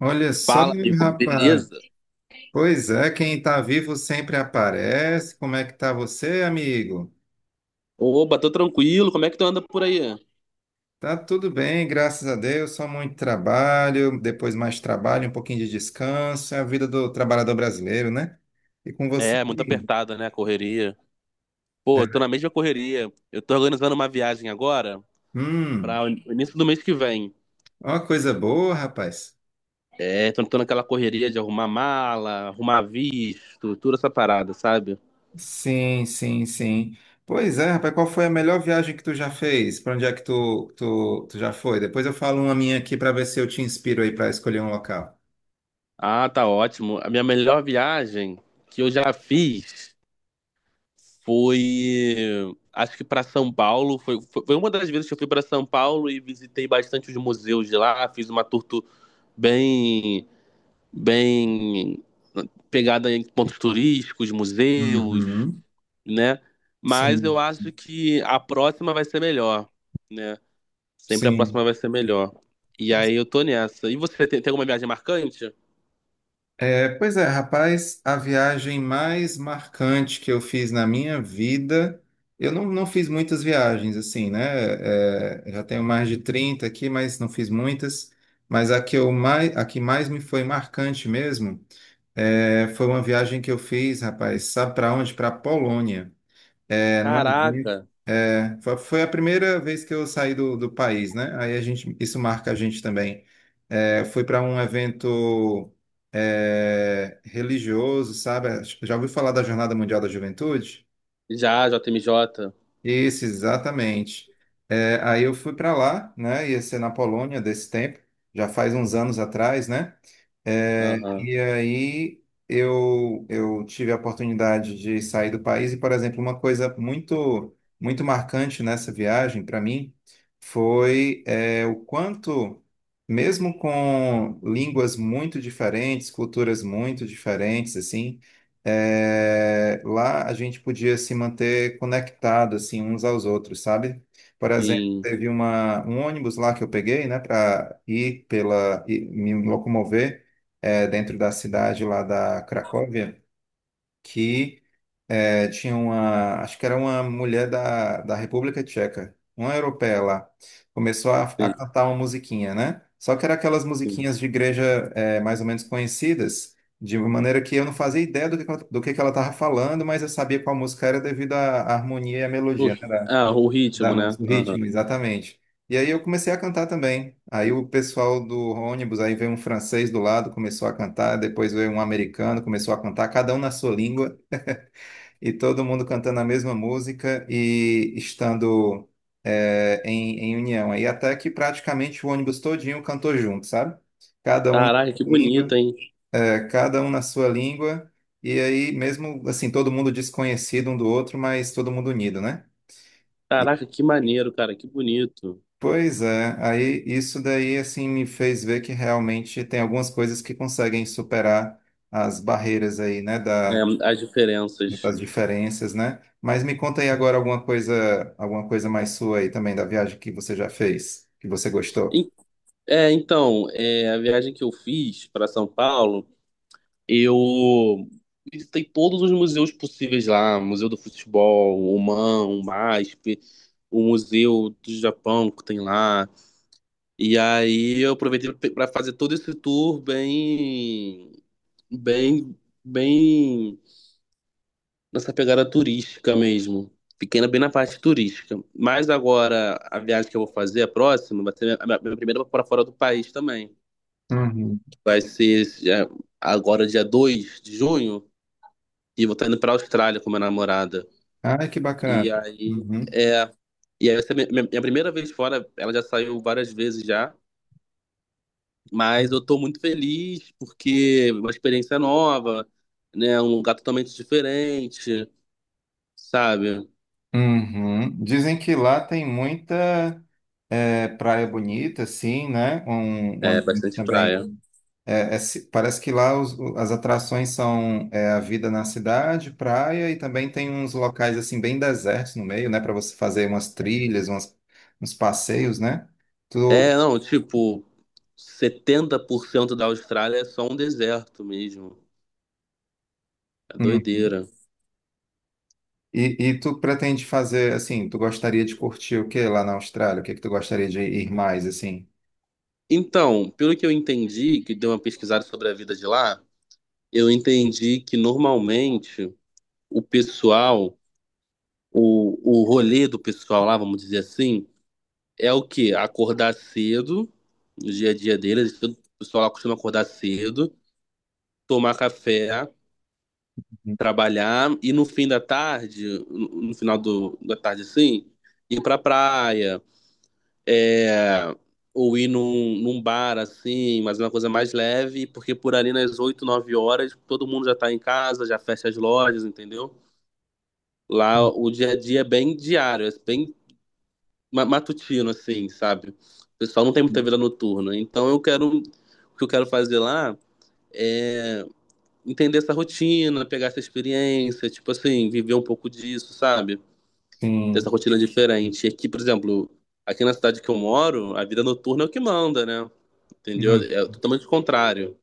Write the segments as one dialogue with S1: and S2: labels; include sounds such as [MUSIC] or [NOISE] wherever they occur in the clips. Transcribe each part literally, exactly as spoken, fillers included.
S1: Olha só,
S2: Fala, amigo,
S1: rapaz.
S2: beleza?
S1: Pois é, quem tá vivo sempre aparece. Como é que tá você, amigo?
S2: Oba, tô tranquilo, como é que tu anda por aí?
S1: Tá tudo bem, graças a Deus. Só muito trabalho, depois mais trabalho, um pouquinho de descanso. É a vida do trabalhador brasileiro, né? E com você?
S2: É, muito apertada, né? A correria. Pô, eu
S1: É.
S2: tô na mesma correria. Eu tô organizando uma viagem agora
S1: Hum,
S2: para o início do mês que vem.
S1: uma coisa boa, rapaz.
S2: É, tô, tô naquela correria de arrumar mala, arrumar visto, toda essa parada, sabe?
S1: Sim, sim, sim. Pois é, rapaz, qual foi a melhor viagem que tu já fez? Pra onde é que tu, tu, tu já foi? Depois eu falo uma minha aqui pra ver se eu te inspiro aí pra escolher um local.
S2: Ah, tá ótimo. A minha melhor viagem que eu já fiz foi, acho que para São Paulo. Foi, foi foi uma das vezes que eu fui para São Paulo e visitei bastante os museus de lá. Fiz uma tour tu- bem bem pegada em pontos turísticos, museus,
S1: Uhum.
S2: né? Mas eu
S1: Sim,
S2: acho que a próxima vai ser melhor, né? Sempre a
S1: sim.
S2: próxima vai ser melhor. E aí eu tô nessa. E você tem, tem alguma viagem marcante?
S1: É, pois é, rapaz, a viagem mais marcante que eu fiz na minha vida, eu não, não fiz muitas viagens, assim, né? É, já tenho mais de trinta aqui, mas não fiz muitas. Mas a que, eu mais, a que mais me foi marcante mesmo é, foi uma viagem que eu fiz, rapaz, sabe para onde? Para a Polônia. É, não é.
S2: Caraca,
S1: É, foi foi a primeira vez que eu saí do, do país, né? Aí a gente, isso marca a gente também. É, fui para um evento é, religioso, sabe? Já ouviu falar da Jornada Mundial da Juventude?
S2: já, J M J.
S1: Isso, exatamente. É, aí eu fui para lá, né? Ia ser na Polônia desse tempo, já faz uns anos atrás, né? É,
S2: Aham,
S1: e aí eu, eu tive a oportunidade de sair do país e, por exemplo, uma coisa muito muito marcante nessa viagem para mim foi é, o quanto, mesmo com línguas muito diferentes, culturas muito diferentes, assim, é, lá a gente podia se manter conectado assim uns aos outros, sabe? Por exemplo,
S2: sim,
S1: teve uma, um ônibus lá que eu peguei, né, para ir pela e me locomover, é, dentro da cidade lá da Cracóvia, que é, tinha uma, acho que era uma mulher da, da República Tcheca, uma europeia lá. Começou a, a
S2: sim,
S1: cantar uma musiquinha, né? Só que era aquelas
S2: sim.
S1: musiquinhas de igreja, é, mais ou menos conhecidas, de uma maneira que eu não fazia ideia do que, que ela- do que que ela estava falando, mas eu sabia qual música era devido à à harmonia e à
S2: O-
S1: melodia, né? Da,
S2: ah, o
S1: da
S2: ritmo, né?
S1: música, do
S2: Aham.
S1: ritmo, exatamente. E aí eu comecei a cantar também. Aí o pessoal do ônibus, aí veio um francês do lado, começou a cantar, depois veio um americano, começou a cantar, cada um na sua língua e todo mundo cantando a mesma música e estando, é, em, em união. Aí até que praticamente o ônibus todinho cantou junto, sabe? Cada um na
S2: Caraca,
S1: sua
S2: que bonito,
S1: língua,
S2: hein?
S1: é, cada um na sua língua, e aí mesmo assim, todo mundo desconhecido um do outro, mas todo mundo unido, né? E,
S2: Caraca, que maneiro, cara, que bonito.
S1: pois é, aí isso daí assim me fez ver que realmente tem algumas coisas que conseguem superar as barreiras aí, né, da
S2: É, as diferenças.
S1: das diferenças, né? Mas me conta aí agora alguma coisa, alguma coisa mais sua aí também da viagem que você já fez, que você gostou.
S2: É, então, é, a viagem que eu fiz para São Paulo, eu visitei todos os museus possíveis lá, Museu do Futebol, o M A M, o MASP, o Museu do Japão que tem lá. E aí eu aproveitei para fazer todo esse tour bem, bem, bem nessa pegada turística mesmo. Fiquei na- bem na parte turística. Mas agora a viagem que eu vou fazer, a próxima, vai ser a minha a minha primeira para fora do país também.
S1: Uhum.
S2: Vai ser já- agora dia dois de junho e eu vou estar indo pra Austrália com minha namorada.
S1: Ai, que bacana.
S2: E aí
S1: Uhum.
S2: é. E aí vai ser minha, minha- minha primeira vez fora, ela já saiu várias vezes já, mas eu tô muito feliz porque é uma experiência nova, né? Um lugar totalmente diferente, sabe?
S1: Uhum. Dizem que lá tem muita, é, praia bonita, assim, né? Um, um
S2: É
S1: ambiente
S2: bastante praia.
S1: também. É, é ci- parece que lá os- o- as atrações são, é, a vida na cidade, praia, e também tem uns locais assim bem desertos no meio, né? Para você fazer umas trilhas, umas, uns passeios, né?
S2: É,
S1: Tu...
S2: não, tipo, setenta por cento da Austrália é só um deserto mesmo. É
S1: Uhum.
S2: doideira.
S1: E, e tu pretende fazer, assim, tu gostaria de curtir o que lá na Austrália? O que que tu gostaria de ir mais, assim?
S2: Então, pelo que eu entendi, que deu uma pesquisada sobre a vida de lá, eu entendi que normalmente o pessoal, o, o rolê do pessoal lá, vamos dizer assim, é o quê? Acordar cedo, no dia a dia deles, o pessoal lá costuma acordar cedo, tomar café, trabalhar e no fim da tarde, no no final do, da tarde assim, ir pra praia, é, ou ir num, num bar assim, mas é uma coisa mais leve, porque por ali nas oito, nove horas todo mundo já tá em casa, já fecha as lojas, entendeu? Lá o dia a dia é bem diário, é bem ma- matutino, assim, sabe? O pessoal não tem muita vida noturna. Então eu quero. O que eu quero fazer lá é entender essa rotina, pegar essa experiência, tipo assim, viver um pouco disso, sabe? Dessa
S1: Sim.
S2: rotina diferente. E aqui, por exemplo, aqui na cidade que eu moro, a vida noturna é o que manda, né? Entendeu?
S1: Hum,
S2: É totalmente o contrário.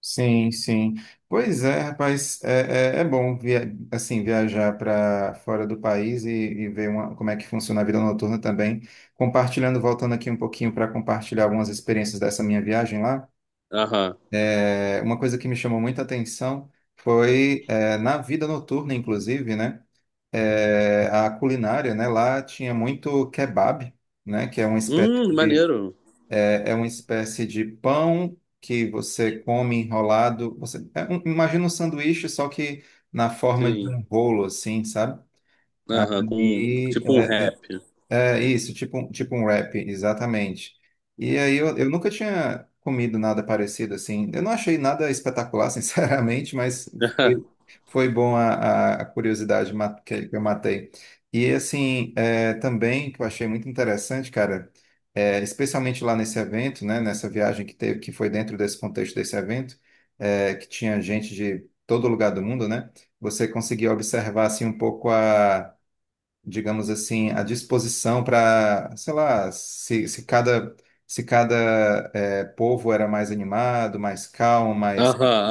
S1: sim, sim. Pois é, rapaz, é, é, é bom via, assim viajar para fora do país e, e ver uma- como é que funciona a vida noturna também. Compartilhando, voltando aqui um pouquinho para compartilhar algumas experiências dessa minha viagem lá.
S2: Aham.
S1: É, uma coisa que me chamou muita atenção foi, é, na vida noturna, inclusive, né? é, a culinária, né? Lá tinha muito kebab, né? Que é uma espécie
S2: Hum,
S1: de,
S2: maneiro.
S1: é, É uma espécie de pão que você come enrolado. Você, é um- imagina um sanduíche, só que na forma de
S2: Sim.
S1: um rolo, assim, sabe?
S2: Aham, com tipo um
S1: E
S2: rap.
S1: é isso, tipo, um- tipo um wrap, exatamente. E aí eu, eu nunca tinha comido nada parecido assim. Eu não achei nada espetacular, [LAUGHS] sinceramente, mas
S2: [LAUGHS] Aham,
S1: foi, foi bom a, a- a curiosidade ma- que que eu matei. E assim, é, também que eu achei muito interessante, cara, é, especialmente lá nesse evento, né, nessa viagem que teve, que foi dentro desse contexto desse evento, é, que tinha gente de todo lugar do mundo, né? Você conseguia observar assim um pouco, digamos assim, à disposição para, sei lá, se, se cada, se cada eh, povo era mais animado, mais calmo, mais,
S2: aham,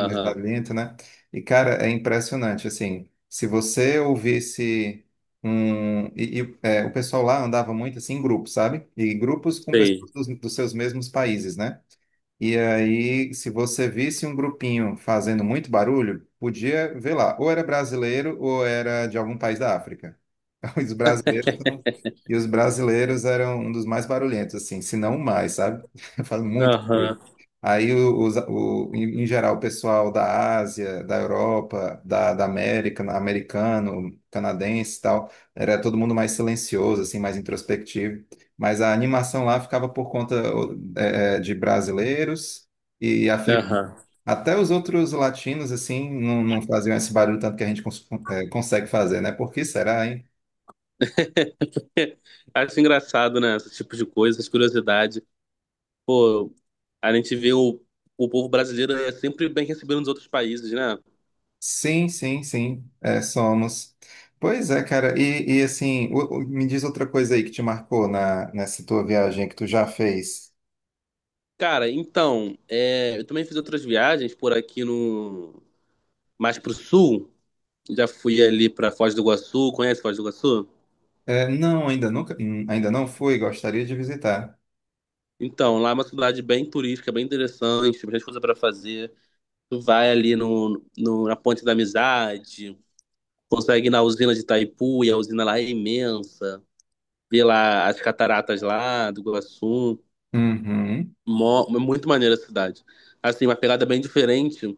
S1: mais barulhento, né? E, cara, é impressionante, assim, se você ouvisse um... E, e, eh, o pessoal lá andava muito, assim, em grupos, sabe? E grupos com pessoas
S2: Sei.
S1: dos, dos seus mesmos países, né? E aí, se você visse um grupinho fazendo muito barulho, podia ver lá, ou era brasileiro ou era de algum país da África. [LAUGHS] Os brasileiros são... E os brasileiros eram um dos mais barulhentos, assim, se não o mais, sabe? [LAUGHS] Faz muito.
S2: Aham,
S1: Aí, os, o, em em geral, o pessoal da Ásia, da Europa, da, da América, na- americano, canadense e tal, era todo mundo mais silencioso, assim, mais introspectivo. Mas a animação lá ficava por conta o, é, é, de brasileiros e africanos.
S2: aham.
S1: Até os outros latinos, assim, não, não faziam esse barulho tanto que a gente cons- é, consegue fazer, né? Por que será...
S2: [LAUGHS] Acho engraçado, né? Esse tipo de coisa, essas curiosidades. Pô, a gente vê o, o povo brasileiro é sempre bem recebido nos outros países, né?
S1: Sim, sim, sim, é, somos. Pois é, cara, e, e assim, o- o- me diz outra coisa aí que te marcou na, nessa tua viagem que tu já fez.
S2: Cara, então, é, eu também fiz outras viagens por aqui no... Mais pro sul. Já fui ali pra Foz do Iguaçu. Conhece Foz do Iguaçu?
S1: É, não, ainda nunca, hum, ainda não fui, gostaria de visitar.
S2: Então, lá é uma cidade bem turística, bem interessante, tem bastante coisa para fazer. Tu vai ali no, no- na Ponte da Amizade, consegue ir na usina de Itaipu, e a usina lá é imensa. Vê lá as cataratas lá do Iguaçu.
S1: Uhum,
S2: Mó, é muito maneira a cidade. Assim, uma pegada bem diferente,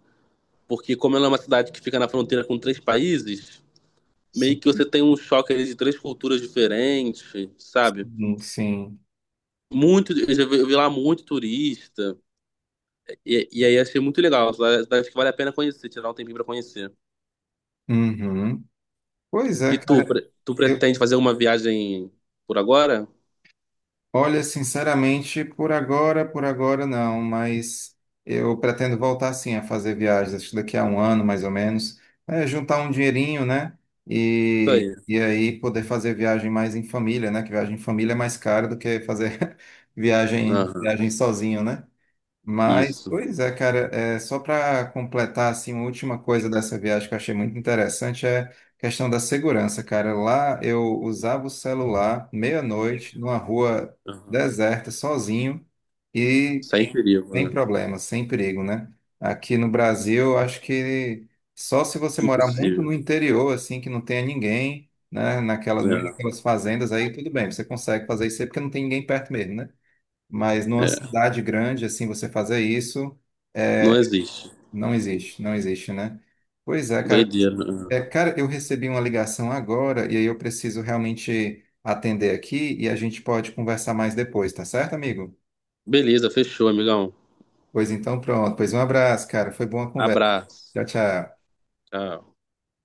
S2: porque como ela é uma cidade que fica na fronteira com três países, meio
S1: sim,
S2: que você tem um choque ali de três culturas diferentes, sabe?
S1: sim, sim.
S2: Muito, eu já vi, eu vi lá muito turista. E, e aí achei muito legal. Uma cidade cidade que vale a pena conhecer, tirar um tempinho pra conhecer.
S1: Uhum. Pois é,
S2: E tu,
S1: cara.
S2: pre- tu pretende fazer uma viagem por agora?
S1: Olha, sinceramente, por agora, por agora não, mas eu pretendo voltar sim a fazer viagens, acho que daqui a um ano mais ou menos, é, juntar um dinheirinho, né?
S2: Isso
S1: E,
S2: aí.
S1: e aí poder fazer viagem mais em família, né? Que viagem em família é mais cara do que fazer [LAUGHS] viagem,
S2: Aham,
S1: viagem sozinho, né? Mas,
S2: isso.
S1: pois é, cara, é, só para completar assim, uma última coisa dessa viagem que eu achei muito interessante é a questão da segurança, cara. Lá eu usava o celular meia-noite numa rua
S2: Aham.
S1: deserta, sozinho e
S2: Sem perigo,
S1: sem
S2: né?
S1: problema, sem perigo, né? Aqui no Brasil, eu acho que só se você morar muito no
S2: Impossível.
S1: interior, assim, que não tenha ninguém, né? Naquela, naquelas fazendas aí, tudo bem, você consegue fazer isso aí porque não tem ninguém perto mesmo, né? Mas numa
S2: É, é.
S1: cidade grande, assim, você fazer isso,
S2: Não
S1: é,
S2: existe.
S1: não existe, não existe, né? Pois é, cara.
S2: Doideira. Aham.
S1: É, cara, eu recebi uma ligação agora e aí eu preciso realmente atender aqui e a gente pode conversar mais depois, tá certo, amigo?
S2: Beleza, fechou, amigão.
S1: Pois então, pronto. Pois um abraço, cara. Foi boa a conversa.
S2: Abraço.
S1: Tchau, tchau.
S2: Tchau.